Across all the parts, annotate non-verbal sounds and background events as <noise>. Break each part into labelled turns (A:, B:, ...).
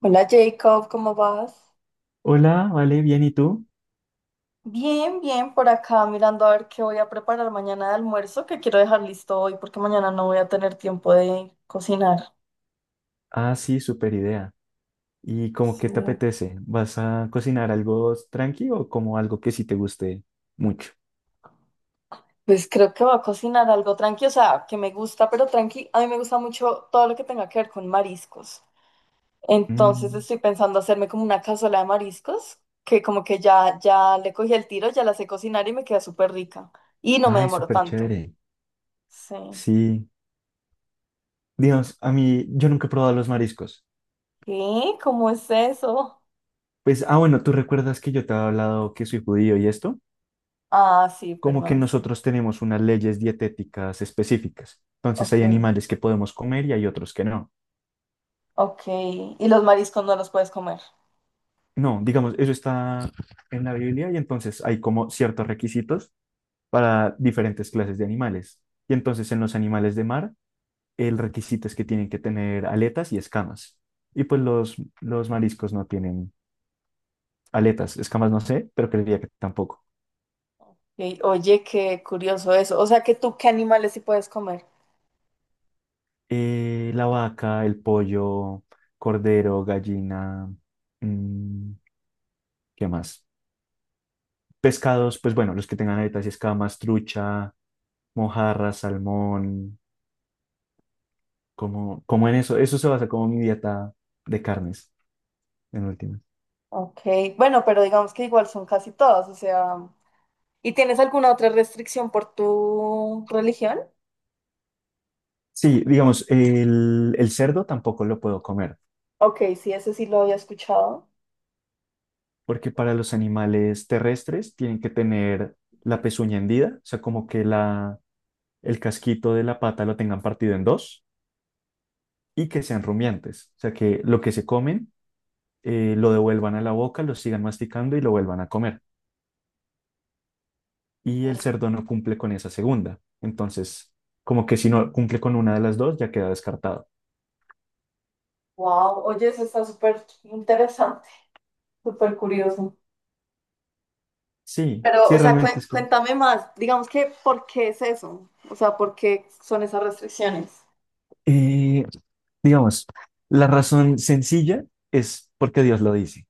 A: Hola Jacob, ¿cómo vas?
B: Hola, vale, bien, ¿y tú?
A: Bien, bien, por acá mirando a ver qué voy a preparar mañana de almuerzo, que quiero dejar listo hoy porque mañana no voy a tener tiempo de cocinar.
B: Ah, sí, súper idea. ¿Y cómo qué
A: Sí.
B: te apetece? ¿Vas a cocinar algo tranqui o como algo que sí te guste mucho?
A: Pues creo que voy a cocinar algo tranqui, o sea, que me gusta, pero tranqui, a mí me gusta mucho todo lo que tenga que ver con mariscos. Entonces
B: Mm,
A: estoy pensando hacerme como una cazuela de mariscos, que como que ya le cogí el tiro, ya la sé cocinar y me queda súper rica. Y no me
B: ay,
A: demoro
B: súper
A: tanto.
B: chévere.
A: Sí.
B: Sí. Dios, a mí, yo nunca he probado los mariscos.
A: ¿Qué? ¿Cómo es eso?
B: Pues, ah, bueno, ¿tú recuerdas que yo te había hablado que soy judío y esto?
A: Ah, sí,
B: Como que
A: perdón, sí.
B: nosotros tenemos unas leyes dietéticas específicas. Entonces
A: Ok,
B: hay animales que podemos comer y hay otros que no.
A: ok. Y los mariscos no los puedes comer.
B: No, digamos, eso está en la Biblia y entonces hay como ciertos requisitos para diferentes clases de animales. Y entonces en los animales de mar, el requisito es que tienen que tener aletas y escamas. Y pues los mariscos no tienen aletas, escamas no sé, pero creería que tampoco.
A: Ok, oye, qué curioso eso. O sea que tú, ¿qué animales sí puedes comer?
B: La vaca, el pollo, cordero, gallina, mm, ¿qué más? Pescados, pues bueno, los que tengan aletas y escamas, trucha, mojarra, salmón, como en eso. Eso se basa como mi dieta de carnes, en última.
A: Ok, bueno, pero digamos que igual son casi todos, o sea. ¿Y tienes alguna otra restricción por tu religión?
B: Sí, digamos, el cerdo tampoco lo puedo comer,
A: Ok, sí, ese sí lo había escuchado.
B: porque para los animales terrestres tienen que tener la pezuña hendida, o sea, el casquito de la pata lo tengan partido en dos y que sean rumiantes, o sea, que lo que se comen lo devuelvan a la boca, lo sigan masticando y lo vuelvan a comer. Y el cerdo no cumple con esa segunda, entonces, como que si no cumple con una de las dos, ya queda descartado.
A: Wow, oye, eso está súper interesante, súper curioso.
B: Sí,
A: Pero, o
B: sí,
A: sea,
B: realmente es como...
A: cuéntame más, digamos que, ¿por qué es eso? O sea, ¿por qué son esas restricciones?
B: eh, Digamos, la razón sencilla es porque Dios lo dice.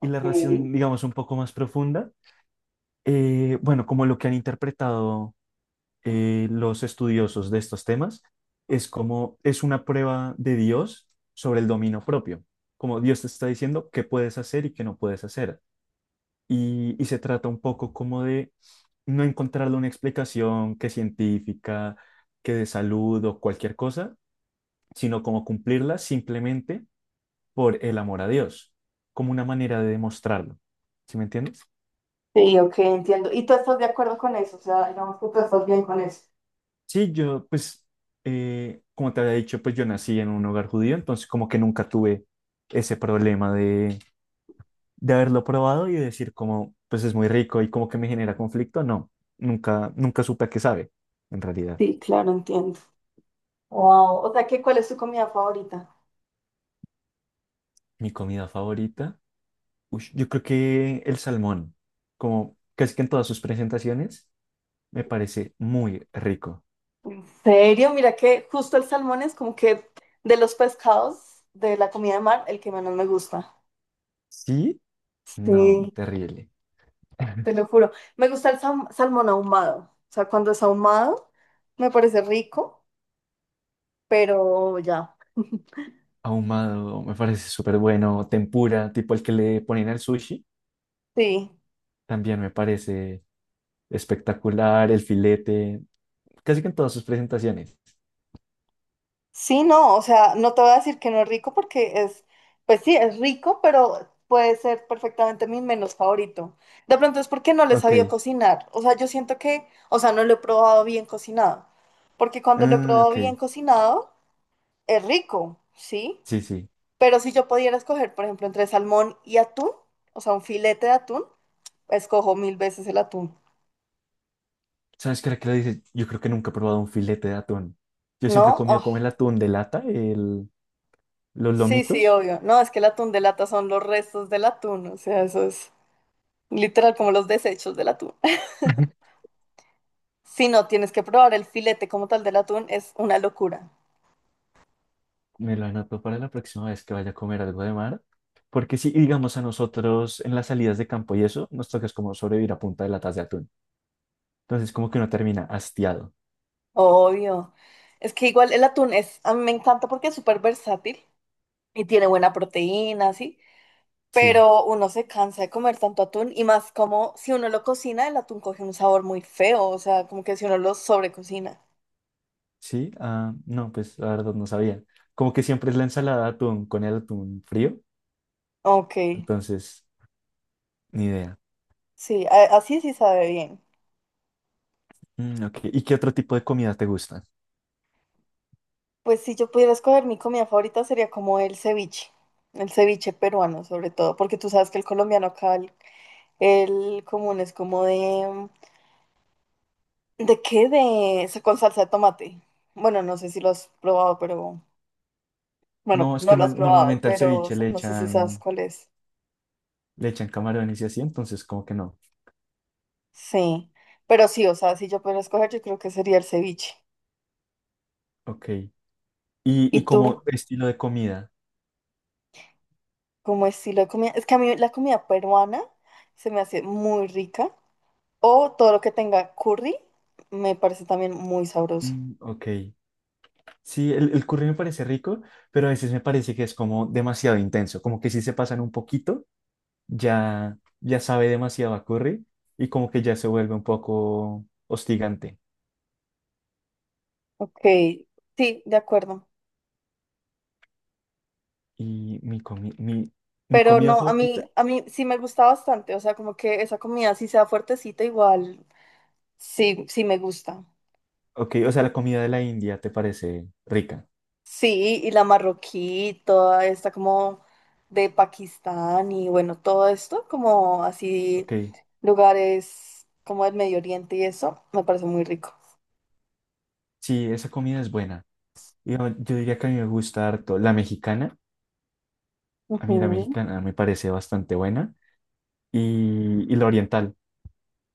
B: Y la
A: Ok.
B: razón, digamos, un poco más profunda, bueno, como lo que han interpretado los estudiosos de estos temas, es como es una prueba de Dios sobre el dominio propio. Como Dios te está diciendo qué puedes hacer y qué no puedes hacer. Y se trata un poco como de no encontrarle una explicación que científica, que de salud o cualquier cosa, sino como cumplirla simplemente por el amor a Dios, como una manera de demostrarlo. ¿Sí me entiendes?
A: Sí, ok, entiendo. ¿Y tú estás de acuerdo con eso? O sea, digamos que tú estás bien con eso.
B: Sí, yo, pues, como te había dicho, pues yo nací en un hogar judío, entonces como que nunca tuve ese problema de haberlo probado y decir como, pues es muy rico y como que me genera conflicto. No, nunca supe a qué sabe, en realidad.
A: Sí, claro, entiendo. Wow, o sea, ¿qué, cuál es tu comida favorita?
B: Mi comida favorita, ush, yo creo que el salmón, como casi que en todas sus presentaciones, me parece muy rico.
A: ¿En serio? Mira que justo el salmón es como que de los pescados de la comida de mar, el que menos me gusta.
B: ¿Sí? No,
A: Sí,
B: terrible.
A: te
B: <laughs>
A: lo juro. Me gusta el salmón ahumado. O sea, cuando es ahumado, me parece rico, pero ya.
B: Ahumado, me parece súper bueno, tempura, tipo el que le ponen al sushi,
A: Sí.
B: también me parece espectacular, el filete, casi que en todas sus presentaciones.
A: Sí, no, o sea, no te voy a decir que no es rico porque es, pues sí, es rico, pero puede ser perfectamente mi menos favorito. De pronto es porque no le
B: Ok,
A: sabía cocinar. O sea, yo siento que, o sea, no lo he probado bien cocinado. Porque cuando lo he
B: ah,
A: probado
B: ok,
A: bien cocinado, es rico, ¿sí?
B: sí, sí.
A: Pero si yo pudiera escoger, por ejemplo, entre salmón y atún, o sea, un filete de atún, escojo mil veces el atún.
B: ¿Sabes qué era que le dices? Yo creo que nunca he probado un filete de atún. Yo siempre he
A: ¿No?
B: comido
A: Oh,
B: como el atún de lata, el, los
A: sí, sí,
B: lomitos.
A: obvio. No, es que el atún de lata son los restos del atún, o sea, eso es. Literal, como los desechos del atún. <laughs>
B: <laughs>
A: Si no, tienes que probar el filete como tal del atún, es una locura.
B: Me lo anoto para la próxima vez que vaya a comer algo de mar. Porque si, digamos, a nosotros en las salidas de campo y eso, nos toca es como sobrevivir a punta de latas de atún. Entonces, como que uno termina hastiado.
A: Obvio. Es que igual el atún es, a mí me encanta porque es súper versátil y tiene buena proteína, ¿sí?
B: Sí.
A: Pero uno se cansa de comer tanto atún y más como si uno lo cocina, el atún coge un sabor muy feo, o sea, como que si uno lo sobrecocina.
B: Sí, ah, no, pues la verdad no sabía. Como que siempre es la ensalada de atún con el atún frío,
A: Ok,
B: entonces ni idea.
A: sí, así sí sabe bien.
B: Mm, ok. ¿Y qué otro tipo de comida te gusta?
A: Pues si yo pudiera escoger mi comida favorita sería como el ceviche peruano sobre todo, porque tú sabes que el colombiano acá el común es como de... ¿De qué? De... con salsa de tomate. Bueno, no sé si lo has probado, pero... Bueno,
B: No, es
A: no
B: que
A: lo has probado,
B: normalmente al
A: pero
B: ceviche
A: no sé si sabes cuál es.
B: le echan camarones y así, entonces como que no.
A: Sí, pero sí, o sea, si yo pudiera escoger, yo creo que sería el ceviche.
B: Ok. Y
A: ¿Y tú?
B: como estilo de comida?
A: ¿Cómo estilo de comida? Es que a mí la comida peruana se me hace muy rica. O todo lo que tenga curry me parece también muy sabroso.
B: Mm, ok. Sí, el curry me parece rico, pero a veces me parece que es como demasiado intenso, como que si se pasan un poquito, ya sabe demasiado a curry y como que ya se vuelve un poco hostigante.
A: Ok, sí, de acuerdo.
B: Y mi, comi- mi, mi
A: Pero
B: comida
A: no, a mí,
B: favorita,
A: a mí sí me gusta bastante, o sea, como que esa comida sí sea fuertecita, igual sí, sí me gusta.
B: ok, o sea, la comida de la India te parece rica,
A: Sí, y la marroquí, toda esta como de Pakistán y bueno, todo esto, como así
B: ok,
A: lugares como el Medio Oriente y eso, me parece muy rico.
B: sí, esa comida es buena. Yo diría que a mí me gusta harto la mexicana, a mí la
A: Ujú.
B: mexicana me parece bastante buena, y la oriental,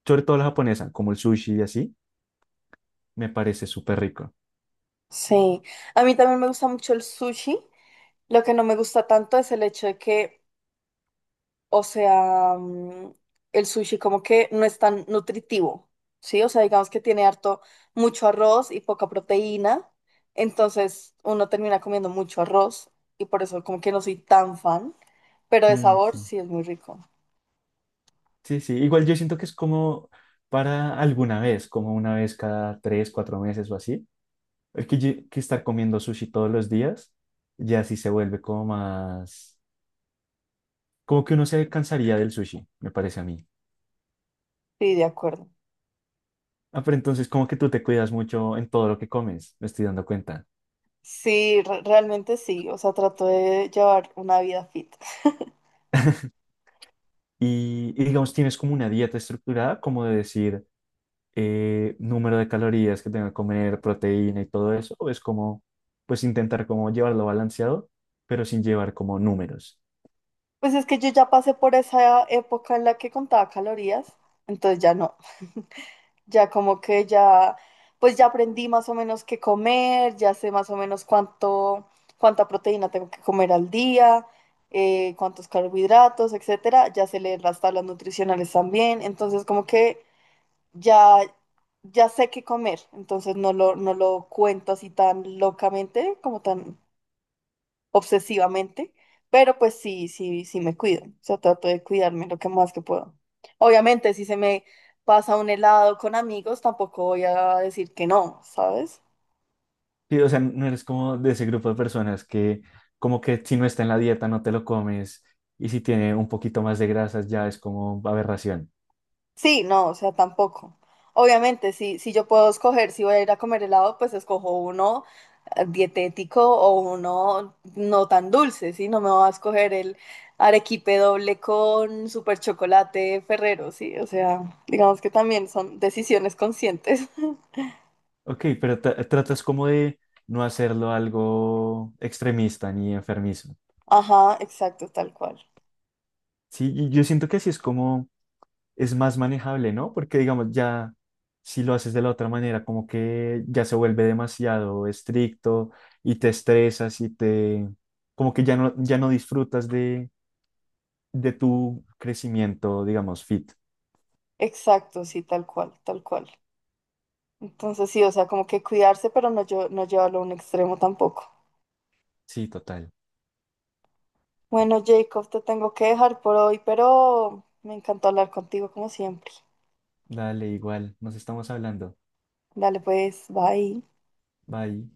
B: sobre todo la japonesa, como el sushi y así, me parece súper rico.
A: Sí, a mí también me gusta mucho el sushi. Lo que no me gusta tanto es el hecho de que o sea, el sushi como que no es tan nutritivo, ¿sí? O sea, digamos que tiene harto, mucho arroz y poca proteína, entonces uno termina comiendo mucho arroz y por eso como que no soy tan fan, pero de
B: Mm,
A: sabor
B: sí,
A: sí es muy rico.
B: sí, sí, igual yo siento que es como para alguna vez, como una vez cada tres, cuatro meses o así. Que estar comiendo sushi todos los días ya sí se vuelve como más... Como que uno se cansaría del sushi, me parece a mí.
A: Sí, de acuerdo.
B: Ah, pero entonces como que tú te cuidas mucho en todo lo que comes, me estoy dando cuenta.
A: Sí, realmente sí, o sea, trato de llevar una vida fit. <laughs>
B: Y digamos, tienes como una dieta estructurada, como de decir número de calorías que tengo que comer, proteína y todo eso, o es como, pues intentar como llevarlo balanceado, pero sin llevar como números.
A: Pues es que yo ya pasé por esa época en la que contaba calorías, entonces ya no. Ya como que ya, pues ya aprendí más o menos qué comer, ya sé más o menos cuánto, cuánta proteína tengo que comer al día, cuántos carbohidratos, etcétera. Ya sé leer las tablas nutricionales también. Entonces como que ya, ya sé qué comer. Entonces no lo cuento así tan locamente, como tan obsesivamente, pero pues sí, sí, sí me cuido. O sea, trato de cuidarme lo que más que puedo. Obviamente, si se me pasa un helado con amigos, tampoco voy a decir que no, ¿sabes?
B: Sí, o sea, no eres como de ese grupo de personas que como que si no está en la dieta no te lo comes y si tiene un poquito más de grasas ya es como aberración.
A: Sí, no, o sea, tampoco. Obviamente, si yo puedo escoger si voy a ir a comer helado, pues escojo uno dietético o uno no tan dulce, ¿sí? No me voy a escoger el arequipe doble con super chocolate Ferrero, ¿sí? O sea, digamos que también son decisiones conscientes. <laughs>
B: Ok, pero tratas como de no hacerlo algo extremista ni enfermizo.
A: Ajá, exacto, tal cual.
B: Sí, y yo siento que así es como es más manejable, ¿no? Porque digamos ya si lo haces de la otra manera como que ya se vuelve demasiado estricto y te estresas y te como que ya no disfrutas de tu crecimiento, digamos, fit.
A: Exacto, sí, tal cual, tal cual. Entonces sí, o sea, como que cuidarse, pero no, no llevarlo a un extremo tampoco.
B: Sí, total.
A: Bueno, Jacob, te tengo que dejar por hoy, pero me encantó hablar contigo como siempre.
B: Dale, igual, nos estamos hablando.
A: Dale pues, bye.
B: Bye.